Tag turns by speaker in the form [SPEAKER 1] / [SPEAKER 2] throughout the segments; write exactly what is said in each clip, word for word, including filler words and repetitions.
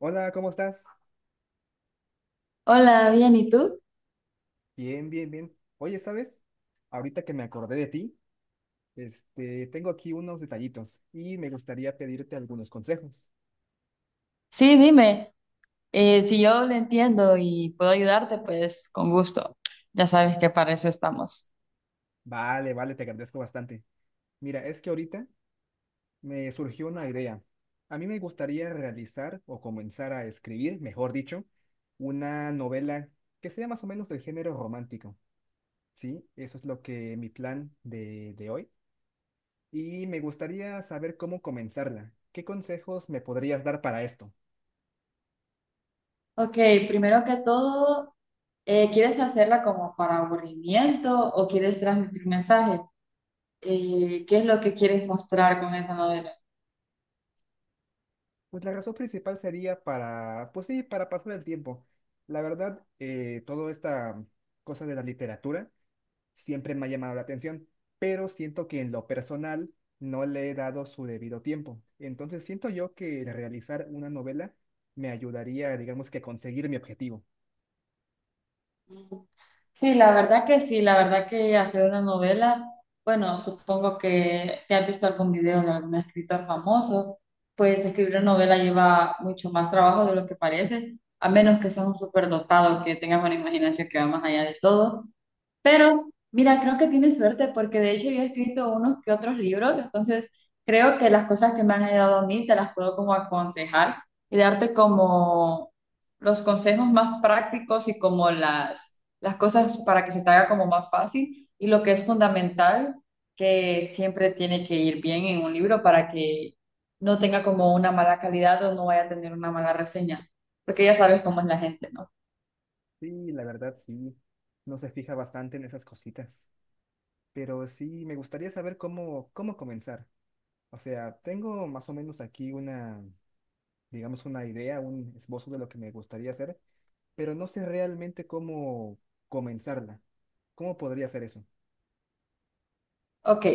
[SPEAKER 1] Hola, ¿cómo estás?
[SPEAKER 2] Hola, bien, ¿y tú?
[SPEAKER 1] Bien, bien, bien. Oye, ¿sabes? Ahorita que me acordé de ti, este, tengo aquí unos detallitos y me gustaría pedirte algunos consejos.
[SPEAKER 2] Sí, dime, eh, si yo lo entiendo y puedo ayudarte, pues con gusto. Ya sabes que para eso estamos.
[SPEAKER 1] Vale, vale, te agradezco bastante. Mira, es que ahorita me surgió una idea. A mí me gustaría realizar o comenzar a escribir, mejor dicho, una novela que sea más o menos del género romántico. Sí, eso es lo que mi plan de, de hoy. Y me gustaría saber cómo comenzarla. ¿Qué consejos me podrías dar para esto?
[SPEAKER 2] Ok, primero que todo, eh, ¿quieres hacerla como para aburrimiento o quieres transmitir un mensaje? Eh, ¿qué es lo que quieres mostrar con esa novela?
[SPEAKER 1] Pues la razón principal sería para, pues sí, para pasar el tiempo. La verdad, eh, toda esta cosa de la literatura siempre me ha llamado la atención, pero siento que en lo personal no le he dado su debido tiempo. Entonces siento yo que el realizar una novela me ayudaría, digamos que a conseguir mi objetivo.
[SPEAKER 2] Sí, la verdad que sí, la verdad que hacer una novela, bueno, supongo que si has visto algún video de algún escritor famoso, pues escribir una novela lleva mucho más trabajo de lo que parece, a menos que seas un superdotados, que tengas una imaginación que va más allá de todo. Pero mira, creo que tienes suerte porque de hecho yo he escrito unos que otros libros, entonces creo que las cosas que me han ayudado a mí te las puedo como aconsejar y darte como los consejos más prácticos y como las, las cosas para que se te haga como más fácil y lo que es fundamental que siempre tiene que ir bien en un libro para que no tenga como una mala calidad o no vaya a tener una mala reseña, porque ya sabes cómo es la gente, ¿no?
[SPEAKER 1] Sí, la verdad, sí. No se fija bastante en esas cositas. Pero sí, me gustaría saber cómo, cómo comenzar. O sea, tengo más o menos aquí una, digamos, una idea, un esbozo de lo que me gustaría hacer, pero no sé realmente cómo comenzarla. ¿Cómo podría hacer eso?
[SPEAKER 2] Ok.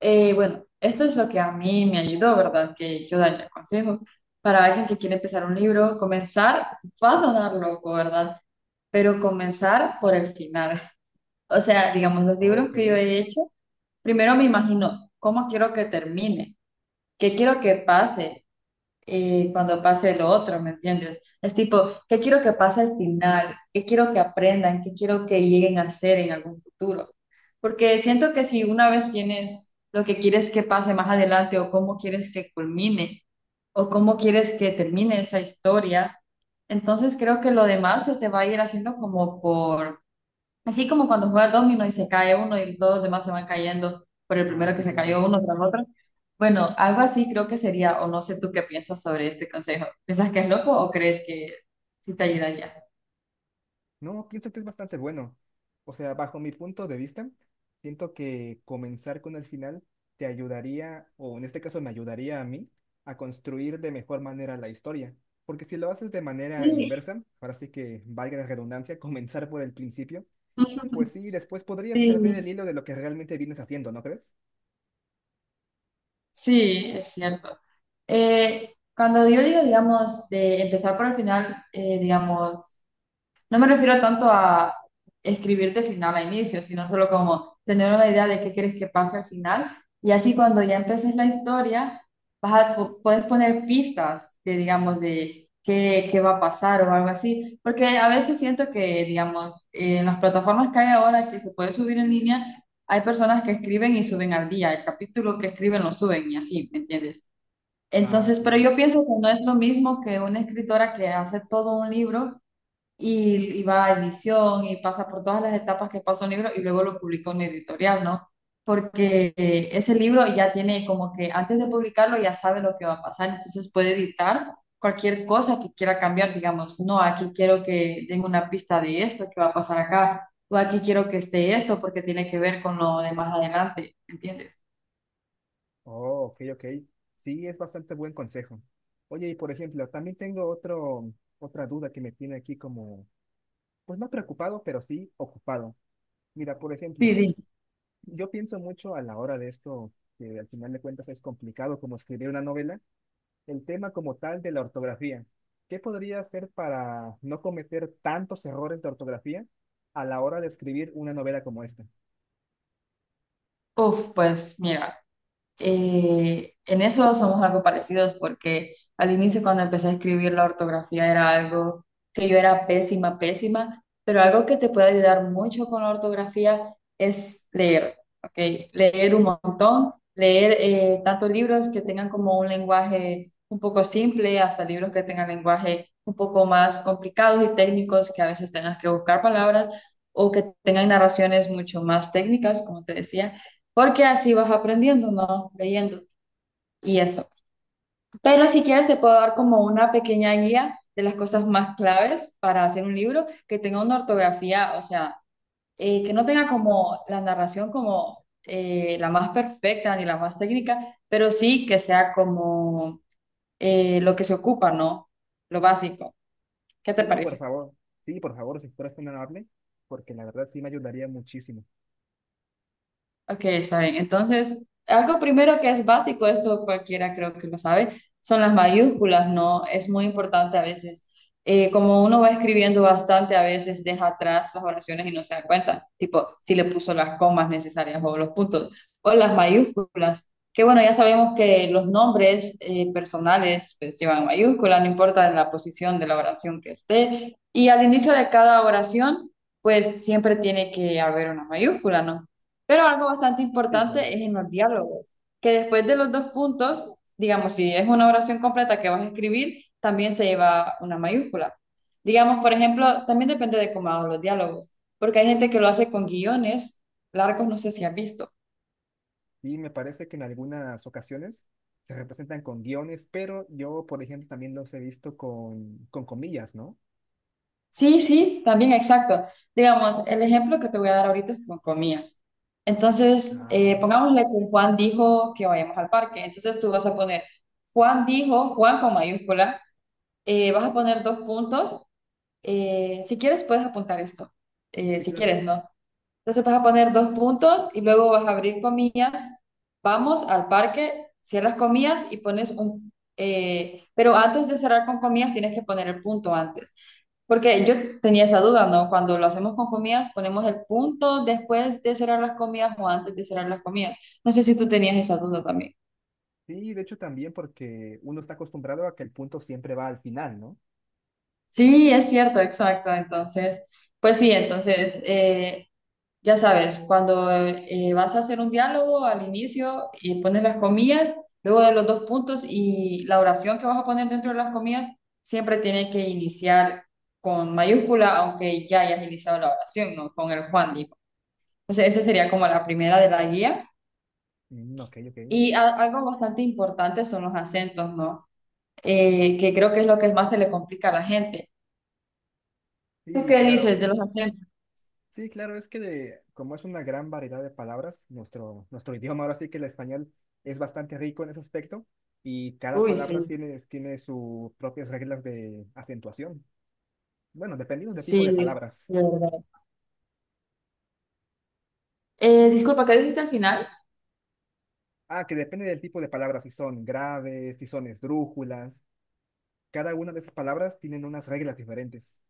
[SPEAKER 2] Eh, bueno, esto es lo que a mí me ayudó, ¿verdad? Que yo daría consejos para alguien que quiere empezar un libro, comenzar, va a sonar loco, ¿verdad? Pero comenzar por el final. O sea, digamos, los
[SPEAKER 1] Oh,
[SPEAKER 2] libros
[SPEAKER 1] ok.
[SPEAKER 2] que yo he hecho, primero me imagino cómo quiero que termine, qué quiero que pase, eh, cuando pase lo otro, ¿me entiendes? Es tipo, ¿qué quiero que pase al final? ¿Qué quiero que aprendan? ¿Qué quiero que lleguen a ser en algún futuro? Porque siento que si una vez tienes lo que quieres que pase más adelante o cómo quieres que culmine o cómo quieres que termine esa historia, entonces creo que lo demás se te va a ir haciendo como por... Así como cuando juega domino y se cae uno y todos los demás se van cayendo por el
[SPEAKER 1] Ah,
[SPEAKER 2] primero que
[SPEAKER 1] sí,
[SPEAKER 2] se
[SPEAKER 1] claro.
[SPEAKER 2] cayó uno tras otro. Bueno, algo así creo que sería, o no sé tú qué piensas sobre este consejo. ¿Piensas que es loco o crees que sí te ayudaría?
[SPEAKER 1] No, pienso que es bastante bueno. O sea, bajo mi punto de vista, siento que comenzar con el final te ayudaría, o en este caso me ayudaría a mí, a construir de mejor manera la historia. Porque si lo haces de manera
[SPEAKER 2] Sí,
[SPEAKER 1] inversa, ahora sí que valga la redundancia, comenzar por el principio, pues sí, después podrías perder el
[SPEAKER 2] sí.
[SPEAKER 1] hilo de lo que realmente vienes haciendo, ¿no crees?
[SPEAKER 2] Sí, es cierto. Eh, cuando yo digo, digamos, de empezar por el final, eh, digamos, no me refiero tanto a escribir de final a inicio, sino solo como tener una idea de qué quieres que pase al final. Y así cuando ya empeces la historia, vas a, po- puedes poner pistas de, digamos, de qué, qué va a pasar o algo así. Porque a veces siento que, digamos, eh, en las plataformas que hay ahora que se puede subir en línea, hay personas que escriben y suben al día. El capítulo que escriben lo suben y así, ¿me entiendes?
[SPEAKER 1] Ah,
[SPEAKER 2] Entonces, pero
[SPEAKER 1] claro.
[SPEAKER 2] yo pienso que no es lo mismo que una escritora que hace todo un libro y, y va a edición y pasa por todas las etapas que pasa un libro y luego lo publica una editorial, ¿no? Porque eh, ese libro ya tiene como que antes de publicarlo ya sabe lo que va a pasar, entonces puede editar cualquier cosa que quiera cambiar, digamos, no, aquí quiero que den una pista de esto que va a pasar acá, o aquí quiero que esté esto porque tiene que ver con lo de más adelante, ¿entiendes?
[SPEAKER 1] Oh, ok, ok. Sí, es bastante buen consejo. Oye, y por ejemplo, también tengo otro, otra duda que me tiene aquí como, pues no preocupado, pero sí ocupado. Mira, por
[SPEAKER 2] Sí,
[SPEAKER 1] ejemplo,
[SPEAKER 2] sí.
[SPEAKER 1] yo pienso mucho a la hora de esto, que al final de cuentas es complicado como escribir una novela, el tema como tal de la ortografía. ¿Qué podría hacer para no cometer tantos errores de ortografía a la hora de escribir una novela como esta?
[SPEAKER 2] Uf, pues mira. Eh, en eso somos algo parecidos porque al inicio cuando empecé a escribir la ortografía era algo que yo era pésima, pésima, pero algo que te puede ayudar mucho con la ortografía es leer, ¿ok? Leer un montón, leer eh, tanto libros que tengan como un lenguaje un poco simple, hasta libros que tengan lenguaje un poco más complicados y técnicos que a veces tengas que buscar palabras o que tengan narraciones mucho más técnicas, como te decía, porque así vas aprendiendo, ¿no? Leyendo y eso. Pero si quieres, te puedo dar como una pequeña guía de las cosas más claves para hacer un libro que tenga una ortografía, o sea, eh, que no tenga como la narración como eh, la más perfecta ni la más técnica, pero sí que sea como eh, lo que se ocupa, ¿no? Lo básico. ¿Qué te
[SPEAKER 1] Sí, por
[SPEAKER 2] parece?
[SPEAKER 1] favor. Sí, por favor, si fueras tan amable, porque la verdad sí me ayudaría muchísimo.
[SPEAKER 2] Ok, está bien. Entonces, algo primero que es básico, esto cualquiera creo que lo sabe, son las mayúsculas, ¿no? Es muy importante a veces. Eh, como uno va escribiendo bastante, a veces deja atrás las oraciones y no se da cuenta, tipo si le puso las comas necesarias o los puntos, o las mayúsculas, que bueno, ya sabemos que los nombres eh, personales pues, llevan mayúsculas, no importa la posición de la oración que esté, y al inicio de cada oración, pues siempre tiene que haber una mayúscula, ¿no? Pero algo bastante
[SPEAKER 1] Sí, claro.
[SPEAKER 2] importante es en los diálogos, que después de los dos puntos, digamos, si es una oración completa que vas a escribir, también se lleva una mayúscula. Digamos, por ejemplo, también depende de cómo hago los diálogos, porque hay gente que lo hace con guiones largos, no sé si has visto.
[SPEAKER 1] Y me parece que en algunas ocasiones se representan con guiones, pero yo, por ejemplo, también los he visto con, con comillas, ¿no?
[SPEAKER 2] Sí, sí, también exacto. Digamos, el ejemplo que te voy a dar ahorita es con comillas. Entonces,
[SPEAKER 1] Ah,
[SPEAKER 2] eh,
[SPEAKER 1] vale.
[SPEAKER 2] pongámosle que Juan dijo que vayamos al parque. Entonces tú vas a poner, Juan dijo, Juan con mayúscula, eh, vas a poner dos puntos. Eh, si quieres, puedes apuntar esto. Eh,
[SPEAKER 1] Sí,
[SPEAKER 2] si
[SPEAKER 1] claro.
[SPEAKER 2] quieres, ¿no? Entonces vas a poner dos puntos y luego vas a abrir comillas. Vamos al parque, cierras comillas y pones un... eh, pero antes de cerrar con comillas tienes que poner el punto antes. Porque yo tenía esa duda, ¿no? Cuando lo hacemos con comillas, ponemos el punto después de cerrar las comillas o antes de cerrar las comillas. No sé si tú tenías esa duda también.
[SPEAKER 1] Sí, de hecho también porque uno está acostumbrado a que el punto siempre va al final, ¿no?
[SPEAKER 2] Sí, es cierto, exacto. Entonces, pues sí, entonces... eh, ya sabes, cuando eh, vas a hacer un diálogo al inicio y pones las comillas, luego de los dos puntos y la oración que vas a poner dentro de las comillas, siempre tiene que iniciar con mayúscula, aunque ya hayas iniciado la oración, ¿no? Con el Juan dijo. Entonces, esa sería como la primera de la guía.
[SPEAKER 1] Mm, ok, ok.
[SPEAKER 2] Y a- algo bastante importante son los acentos, ¿no? Eh, que creo que es lo que más se le complica a la gente. ¿Tú
[SPEAKER 1] Sí,
[SPEAKER 2] qué dices
[SPEAKER 1] claro.
[SPEAKER 2] de los acentos?
[SPEAKER 1] Sí, claro, es que de- como es una gran variedad de palabras, nuestro, nuestro idioma ahora sí que el español es bastante rico en ese aspecto y cada
[SPEAKER 2] Uy,
[SPEAKER 1] palabra
[SPEAKER 2] sí,
[SPEAKER 1] tiene, tiene sus propias reglas de acentuación. Bueno, dependiendo del tipo de
[SPEAKER 2] sí,
[SPEAKER 1] palabras.
[SPEAKER 2] de verdad. Eh, disculpa, ¿qué dijiste al final?
[SPEAKER 1] Ah, que depende del tipo de palabras, si son graves, si son esdrújulas. Cada una de esas palabras tienen unas reglas diferentes.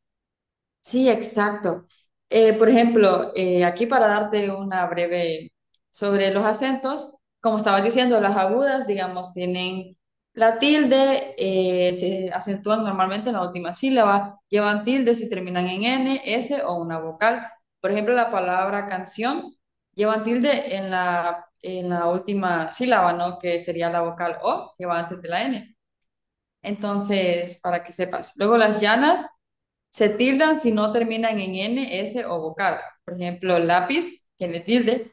[SPEAKER 2] Sí, exacto. Eh, por ejemplo, eh, aquí para darte una breve sobre los acentos, como estaba diciendo, las agudas, digamos, tienen la tilde, eh, se acentúan normalmente en la última sílaba, llevan tilde si terminan en N, S o una vocal. Por ejemplo, la palabra canción llevan tilde en la, en la última sílaba, ¿no? Que sería la vocal O, que va antes de la N. Entonces, para que sepas. Luego las llanas. Se tildan si no terminan en N, S o vocal. Por ejemplo, lápiz tiene tilde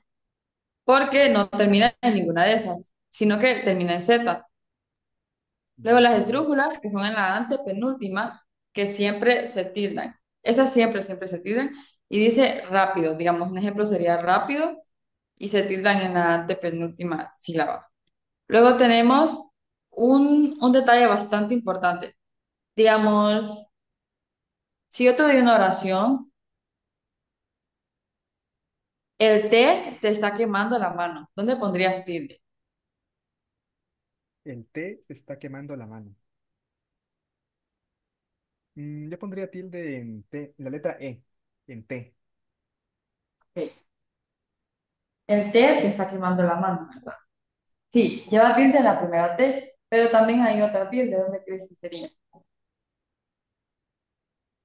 [SPEAKER 2] porque no
[SPEAKER 1] Claro,
[SPEAKER 2] termina en ninguna de esas, sino que termina en Z. Luego
[SPEAKER 1] ah,
[SPEAKER 2] las
[SPEAKER 1] claro.
[SPEAKER 2] esdrújulas, que son en la antepenúltima, que siempre se tildan. Esas siempre, siempre se tildan. Y dice rápido, digamos, un ejemplo sería rápido y se tildan en la antepenúltima sílaba. Luego tenemos un, un detalle bastante importante. Digamos, si yo te doy una oración, el té te está quemando la mano. ¿Dónde pondrías tilde?
[SPEAKER 1] El T se está quemando la mano. Mm, yo pondría tilde en T, en la letra E, en T.
[SPEAKER 2] Ok. El té te está quemando la mano, ¿verdad? Sí, lleva tilde en la primera T, pero también hay otra tilde. ¿Dónde crees que sería?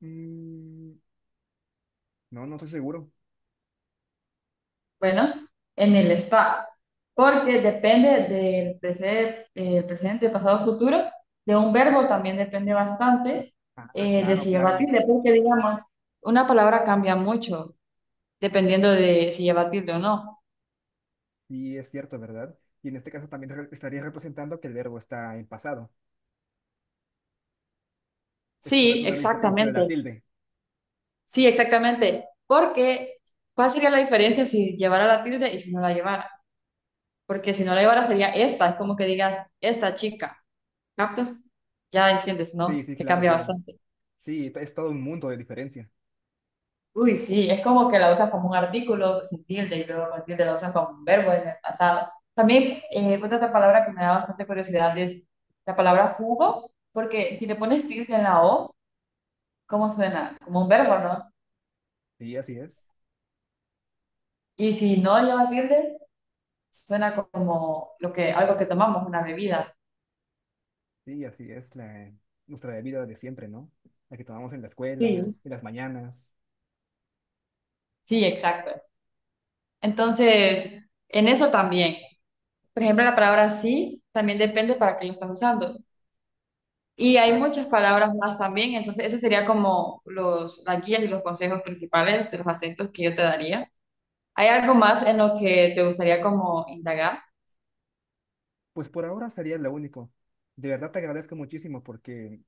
[SPEAKER 1] Mm, No, no estoy seguro.
[SPEAKER 2] Bueno, en el está, porque depende del presente, eh, presente, pasado, futuro. De un verbo también depende bastante
[SPEAKER 1] Ah,
[SPEAKER 2] eh, de
[SPEAKER 1] claro,
[SPEAKER 2] si lleva
[SPEAKER 1] claro.
[SPEAKER 2] tilde, porque digamos, una palabra cambia mucho dependiendo de si lleva tilde o no.
[SPEAKER 1] Sí, es cierto, ¿verdad? Y en este caso también re- estaría representando que el verbo está en pasado. Es por
[SPEAKER 2] Sí,
[SPEAKER 1] eso de la importancia de la
[SPEAKER 2] exactamente.
[SPEAKER 1] tilde.
[SPEAKER 2] Sí, exactamente. Porque, ¿cuál sería la diferencia si llevara la tilde y si no la llevara? Porque si no la llevara sería esta, es como que digas, esta chica, ¿captas? Ya entiendes,
[SPEAKER 1] Sí,
[SPEAKER 2] ¿no?
[SPEAKER 1] sí,
[SPEAKER 2] Que
[SPEAKER 1] claro,
[SPEAKER 2] cambia
[SPEAKER 1] claro.
[SPEAKER 2] bastante.
[SPEAKER 1] Sí, t- es todo un mundo de diferencia.
[SPEAKER 2] Uy, sí, es como que la usas como un artículo sin tilde y luego con tilde la usas como un verbo en el pasado. También, eh, otra palabra que me da bastante curiosidad es la palabra jugo, porque si le pones tilde en la O, ¿cómo suena? Como un verbo, ¿no?
[SPEAKER 1] Sí, así es.
[SPEAKER 2] Y si no lleva tilde, suena como lo que, algo que tomamos, una bebida.
[SPEAKER 1] Sí, así es la, nuestra vida de siempre, ¿no? La que tomamos en la escuela,
[SPEAKER 2] Sí.
[SPEAKER 1] en las mañanas.
[SPEAKER 2] Sí, exacto. Entonces, en eso también. Por ejemplo, la palabra sí también depende para qué lo estás usando. Y hay
[SPEAKER 1] Ah,
[SPEAKER 2] muchas palabras más también, entonces ese sería como los, las guías y los consejos principales de los acentos que yo te daría. ¿Hay algo más en lo que te gustaría como indagar?
[SPEAKER 1] pues por ahora sería lo único. De verdad te agradezco muchísimo porque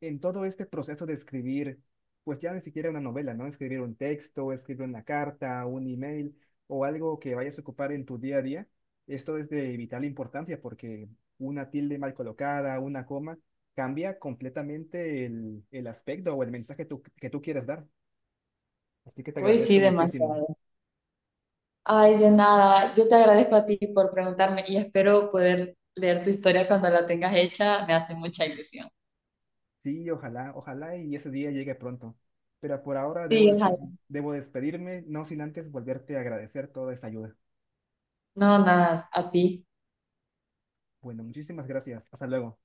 [SPEAKER 1] en todo este proceso de escribir, pues ya ni siquiera una novela, ¿no? Escribir un texto, escribir una carta, un email o algo que vayas a ocupar en tu día a día, esto es de vital importancia porque una tilde mal colocada, una coma, cambia completamente el, el aspecto o el mensaje tú- que tú quieres dar. Así que te
[SPEAKER 2] Uy, sí,
[SPEAKER 1] agradezco muchísimo.
[SPEAKER 2] demasiado. Ay, de nada, yo te agradezco a ti por preguntarme y espero poder leer tu historia cuando la tengas hecha, me hace mucha ilusión.
[SPEAKER 1] Sí, ojalá, ojalá y ese día llegue pronto. Pero por ahora debo,
[SPEAKER 2] Sí,
[SPEAKER 1] despe-
[SPEAKER 2] ojalá.
[SPEAKER 1] debo despedirme, no sin antes volverte a agradecer toda esta ayuda.
[SPEAKER 2] No, nada, a ti.
[SPEAKER 1] Bueno, muchísimas gracias. Hasta luego.